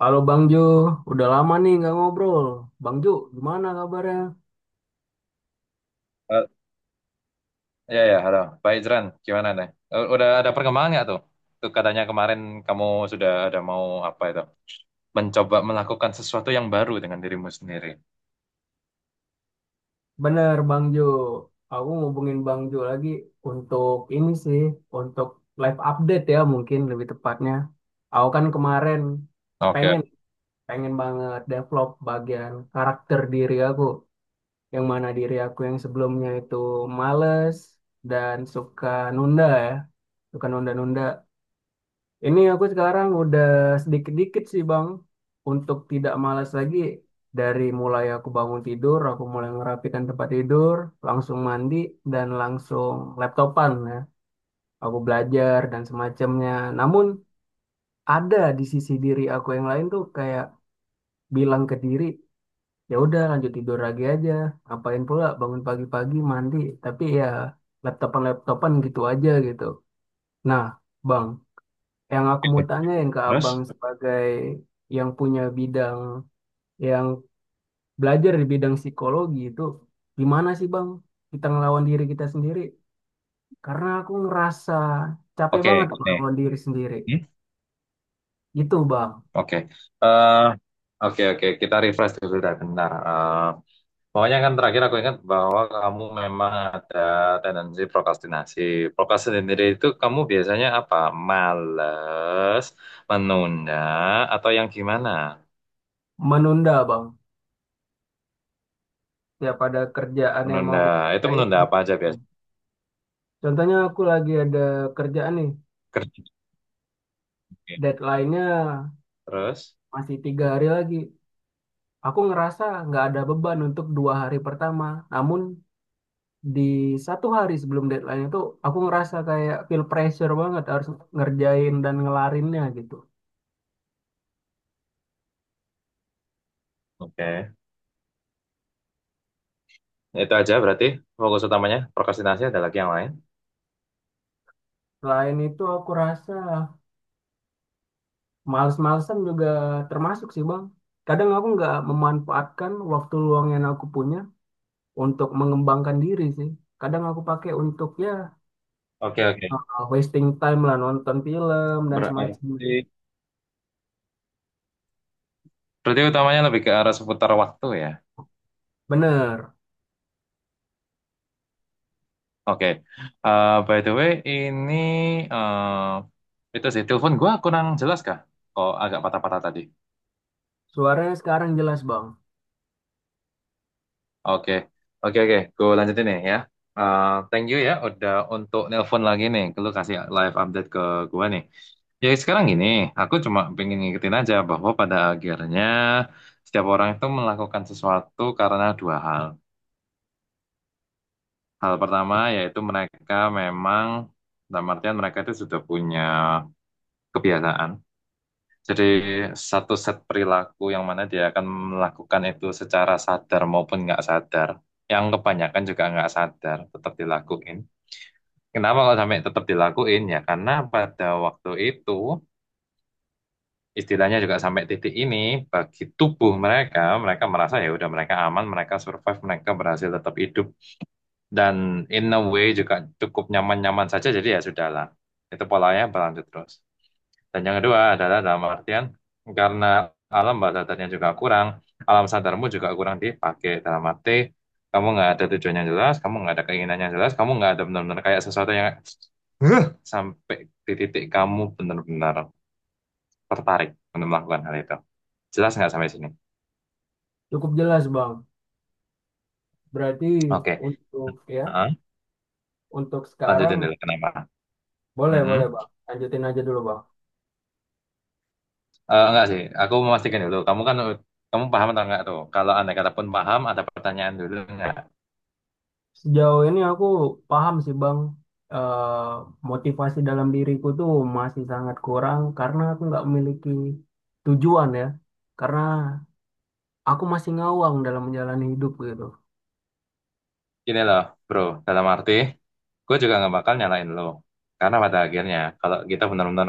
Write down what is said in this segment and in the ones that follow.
Halo Bang Jo, udah lama nih nggak ngobrol. Bang Jo, gimana kabarnya? Eh, Ya ya, halo. Pak Ijran, gimana nih? Eh, udah ada perkembangan nggak tuh? Tuh katanya kemarin kamu sudah ada mau apa itu? Mencoba melakukan sesuatu yang baru dengan dirimu sendiri. Bener Bang Jo, aku ngubungin Bang Jo lagi untuk ini sih, untuk live update ya mungkin lebih tepatnya. Aku kan kemarin Oke, pengen, pengen banget develop bagian karakter diri aku. Yang mana diri aku yang sebelumnya itu males dan suka nunda ya, suka nunda-nunda. Ini aku sekarang udah sedikit-dikit sih Bang, untuk tidak malas lagi dari mulai aku bangun tidur, aku mulai merapikan tempat tidur, langsung mandi dan langsung laptopan ya. Aku belajar dan semacamnya. Namun ada di sisi diri aku yang lain tuh kayak bilang ke diri, ya udah lanjut tidur lagi aja. Ngapain pula bangun pagi-pagi mandi, tapi ya laptopan-laptopan gitu aja gitu. Nah, Bang, yang aku mau tanyain ke abang terus? sebagai yang punya bidang, yang belajar di bidang psikologi itu, gimana sih bang kita ngelawan diri kita sendiri? Karena aku ngerasa capek Oke, banget nih. ngelawan diri sendiri. Hmm? Itu bang. Oke. Eh, oke oke, kita refresh dulu dah benar. Eh, pokoknya kan terakhir aku ingat bahwa kamu memang ada tendensi prokrastinasi. Prokrastinasi itu kamu biasanya apa? Males, menunda, atau yang gimana? Menunda bang. Tiap ada kerjaan yang mau Menunda. aku Itu kerjain, menunda aku apa aja tunda. biasa? Contohnya aku lagi ada kerjaan nih, Kerja. Oke. deadline-nya Terus, masih 3 hari lagi. Aku ngerasa nggak ada beban untuk 2 hari pertama. Namun di 1 hari sebelum deadline itu aku ngerasa kayak feel pressure banget harus ngerjain dan ngelarinnya gitu. oke. Itu aja berarti fokus utamanya. Prokrastinasi ada lagi yang lain. Selain itu aku rasa males-malesan juga termasuk sih Bang. Kadang aku nggak memanfaatkan waktu luang yang aku punya untuk mengembangkan diri sih. Kadang aku pakai untuk ya Oke, oke. Wasting time lah nonton film dan Berarti, semacamnya. berarti utamanya lebih ke arah seputar waktu ya. Bener, Oke. By the way, ini itu sih telepon gua kurang jelas kah? Kok agak patah-patah tadi. suaranya sekarang jelas Bang. Oke, oke, oke. Gue lanjutin nih ya. Thank you ya, udah untuk nelpon lagi nih. Lu kasih live update ke gua nih. Ya sekarang gini, aku cuma pengen ngikutin aja bahwa pada akhirnya setiap orang itu melakukan sesuatu karena dua hal. Hal pertama yaitu mereka memang, dalam artian mereka itu sudah punya kebiasaan. Jadi satu set perilaku yang mana dia akan melakukan itu secara sadar maupun nggak sadar. Yang kebanyakan juga nggak sadar, tetap dilakuin. Kenapa kalau sampai tetap dilakuin? Ya karena pada waktu itu istilahnya juga sampai titik ini bagi tubuh mereka mereka merasa ya udah, mereka aman, mereka survive, mereka berhasil tetap hidup, dan in a way juga cukup nyaman-nyaman saja, jadi ya sudahlah itu polanya berlanjut terus. Dan yang kedua adalah, dalam artian, karena alam bawah sadarnya juga kurang, alam sadarmu juga kurang dipakai, dalam arti kamu nggak ada tujuan yang jelas, kamu nggak ada keinginan yang jelas, kamu nggak ada benar-benar kayak sesuatu yang "Huh," sampai di titik kamu benar-benar tertarik untuk melakukan hal itu. Jelas nggak sampai sini? Cukup jelas Bang. Berarti Oke, untuk, ya, heeh. untuk sekarang. Lanjutin dulu. Kenapa? Boleh, boleh Mhm. Bang. Lanjutin aja dulu Bang. Enggak sih, aku memastikan dulu. Kamu paham atau enggak tuh? Kalau andai kata pun paham, ada pertanyaan dulu enggak? Sejauh ini aku paham sih Bang, eh, motivasi dalam diriku tuh masih sangat kurang karena aku nggak memiliki tujuan ya. Karena aku masih ngawang dalam menjalani hidup gitu. Gini loh, bro. Dalam arti, gue juga nggak bakal nyalain lo. Karena pada akhirnya, kalau kita benar-benar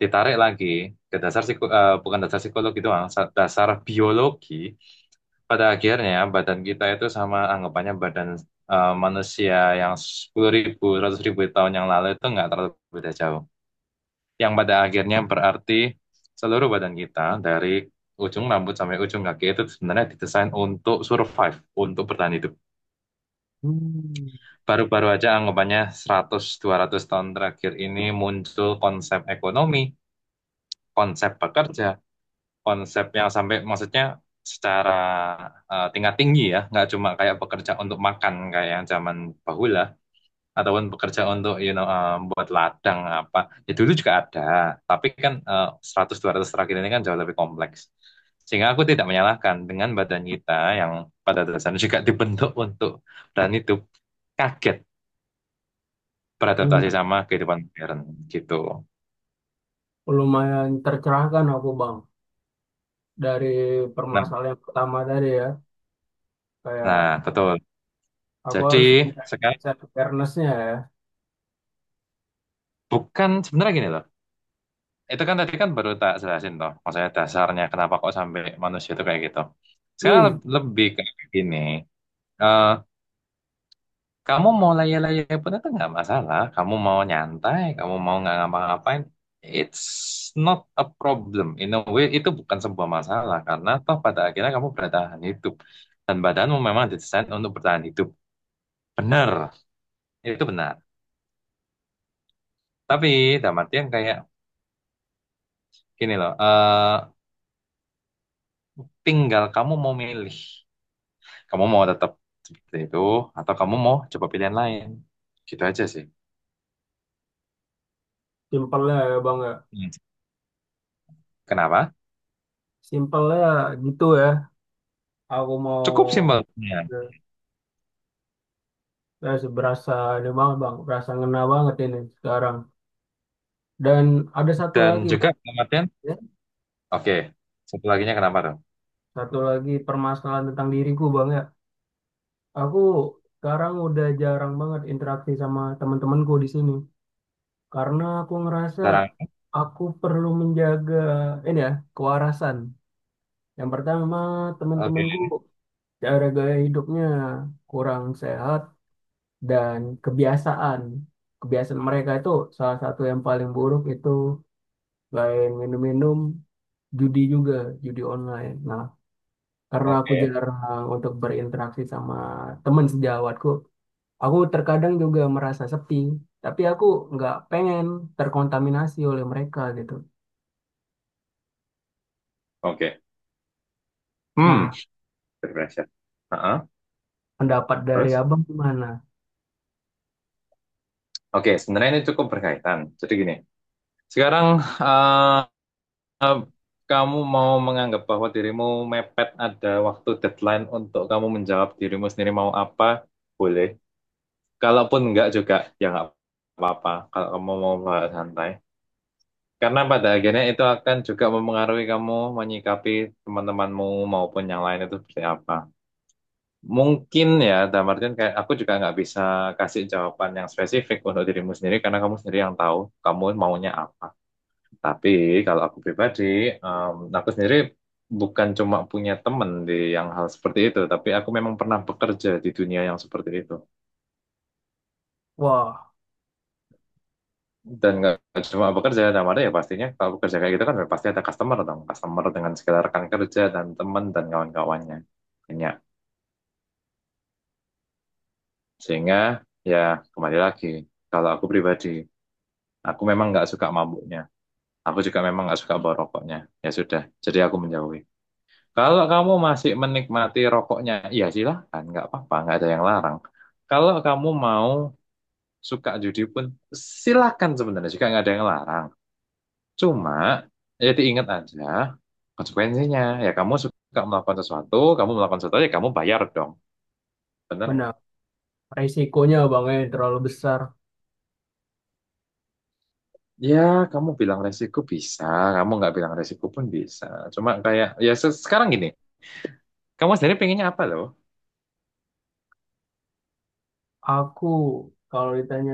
ditarik lagi ke dasar bukan dasar psikologi doang, dasar biologi. Pada akhirnya badan kita itu sama anggapannya badan manusia yang 10.000, ribu tahun yang lalu itu nggak terlalu beda jauh. Yang pada akhirnya berarti seluruh badan kita dari ujung rambut sampai ujung kaki itu sebenarnya didesain untuk survive, untuk bertahan hidup. Hmm. Baru-baru aja anggapannya 100-200 tahun terakhir ini muncul konsep ekonomi, konsep pekerja, konsep yang sampai maksudnya secara tingkat tinggi ya, nggak cuma kayak bekerja untuk makan kayak yang zaman bahula, ataupun bekerja untuk buat ladang apa. Ya dulu juga ada, tapi kan 100-200 terakhir ini kan jauh lebih kompleks. Sehingga aku tidak menyalahkan dengan badan kita yang pada dasarnya juga dibentuk untuk, dan itu kaget Hmm, beradaptasi sama kehidupan modern, gitu. lumayan tercerahkan aku Bang dari Nah, permasalahan yang pertama tadi ya. nah, Kayak betul. aku Jadi harus meningkatkan sekarang self awareness-nya ya. bukan, sebenarnya gini loh. Itu kan tadi kan baru tak jelasin toh, maksudnya dasarnya kenapa kok sampai manusia itu kayak gitu. Sekarang Hmm, lebih kayak gini, eh kamu mau layak-layak pun itu nggak masalah, kamu mau nyantai, kamu mau nggak ngapa-ngapain, it's not a problem, in a way itu bukan sebuah masalah karena toh pada akhirnya kamu bertahan hidup, dan badanmu memang didesain untuk bertahan hidup. Benar, itu benar. Tapi dalam artian kayak gini loh, tinggal kamu mau milih. Kamu mau tetap seperti itu, atau kamu mau coba pilihan lain? Gitu aja sih. simpelnya ya Bang ya. Hmm. Kenapa? Simpelnya gitu ya. Aku mau. Cukup simpelnya. Ya, berasa ini banget bang, berasa ngena banget ini sekarang. Dan ada satu Dan lagi, juga kematian. ya, Oke. Satu laginya kenapa dong? satu lagi permasalahan tentang diriku bang ya. Aku sekarang udah jarang banget interaksi sama teman-temanku di sini, karena aku ngerasa Sekarang. aku perlu menjaga ini ya kewarasan. Yang pertama Oke. teman-temanku cara gaya hidupnya kurang sehat dan kebiasaan. Kebiasaan mereka itu salah satu yang paling buruk itu lain minum-minum judi juga, judi online. Nah, karena aku Oke. jarang untuk berinteraksi sama teman sejawatku, aku terkadang juga merasa sepi, tapi aku nggak pengen terkontaminasi oleh mereka gitu. Oke. Hmm. Nah, Pressure. Heeh. pendapat dari Terus? abang gimana? Oke. Sebenarnya ini cukup berkaitan. Jadi gini. Sekarang eh, eh, kamu mau menganggap bahwa dirimu mepet ada waktu deadline untuk kamu menjawab dirimu sendiri mau apa? Boleh. Kalaupun enggak juga ya nggak apa-apa, kalau kamu mau bahas santai. Karena pada akhirnya itu akan juga mempengaruhi kamu menyikapi teman-temanmu maupun yang lain itu seperti apa. Mungkin ya, dalam artian kayak aku juga nggak bisa kasih jawaban yang spesifik untuk dirimu sendiri karena kamu sendiri yang tahu kamu maunya apa. Tapi kalau aku pribadi, aku sendiri bukan cuma punya teman di yang hal seperti itu, tapi aku memang pernah bekerja di dunia yang seperti itu. Wah, Dan nggak cuma bekerja, dalam ada ya pastinya kalau bekerja kayak gitu kan ya pasti ada customer dong. Customer dengan segala rekan kerja dan teman dan kawan-kawannya. Banyak. Sehingga ya kembali lagi, kalau aku pribadi, aku memang nggak suka mabuknya. Aku juga memang nggak suka bawa rokoknya. Ya sudah, jadi aku menjauhi. Kalau kamu masih menikmati rokoknya, ya silahkan, nggak apa-apa, nggak ada yang larang. Kalau kamu mau suka judi pun silakan, sebenarnya juga nggak ada yang larang. Cuma, jadi ingat aja konsekuensinya. Ya kamu suka melakukan sesuatu, kamu melakukan sesuatu, ya kamu bayar dong. Bener nggak? benar. Resikonya bang, terlalu besar. Ya, kamu bilang resiko bisa, kamu nggak bilang resiko pun bisa. Cuma kayak, ya sekarang gini, kamu sendiri pengennya apa loh? Aku kalau ditanya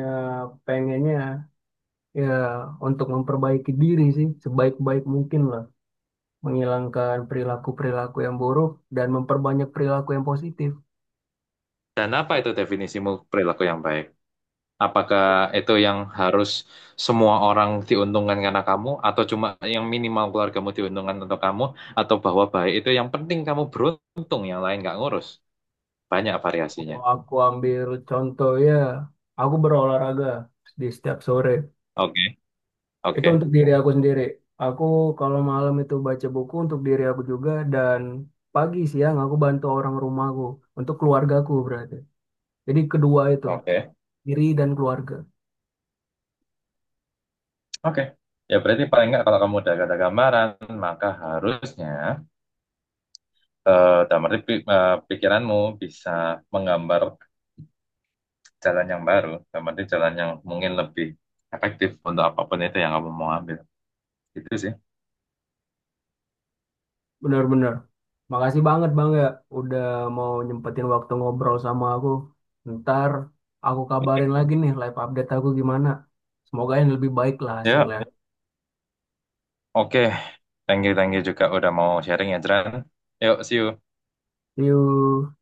pengennya ya untuk memperbaiki diri sih sebaik-baik mungkin lah, menghilangkan perilaku-perilaku yang buruk dan memperbanyak perilaku yang positif. Dan apa itu definisimu perilaku yang baik? Apakah itu yang harus semua orang diuntungkan karena kamu, atau cuma yang minimal keluargamu diuntungkan untuk kamu, atau bahwa baik itu yang penting kamu beruntung, yang lain nggak ngurus? Banyak variasinya. Kalau aku ambil contoh ya, aku berolahraga di setiap sore. Oke. Itu Oke, untuk diri aku sendiri. Aku kalau malam itu baca buku untuk diri aku juga dan pagi siang aku bantu orang rumahku untuk keluargaku berarti. Jadi kedua itu, oke, diri dan keluarga. oke. Ya berarti paling nggak kalau kamu udah ada gambaran, maka harusnya dalam arti pikiranmu bisa menggambar jalan yang baru, dalam arti jalan yang mungkin lebih efektif untuk apapun itu yang kamu mau ambil. Itu sih. Benar-benar. Makasih banget Bang ya udah mau nyempetin waktu ngobrol sama aku. Ntar aku kabarin lagi nih live update aku gimana. Semoga yang lebih baik lah Ya, hasilnya. oke. Thank you juga udah mau sharing ya, Jran. Yuk, see you. See you.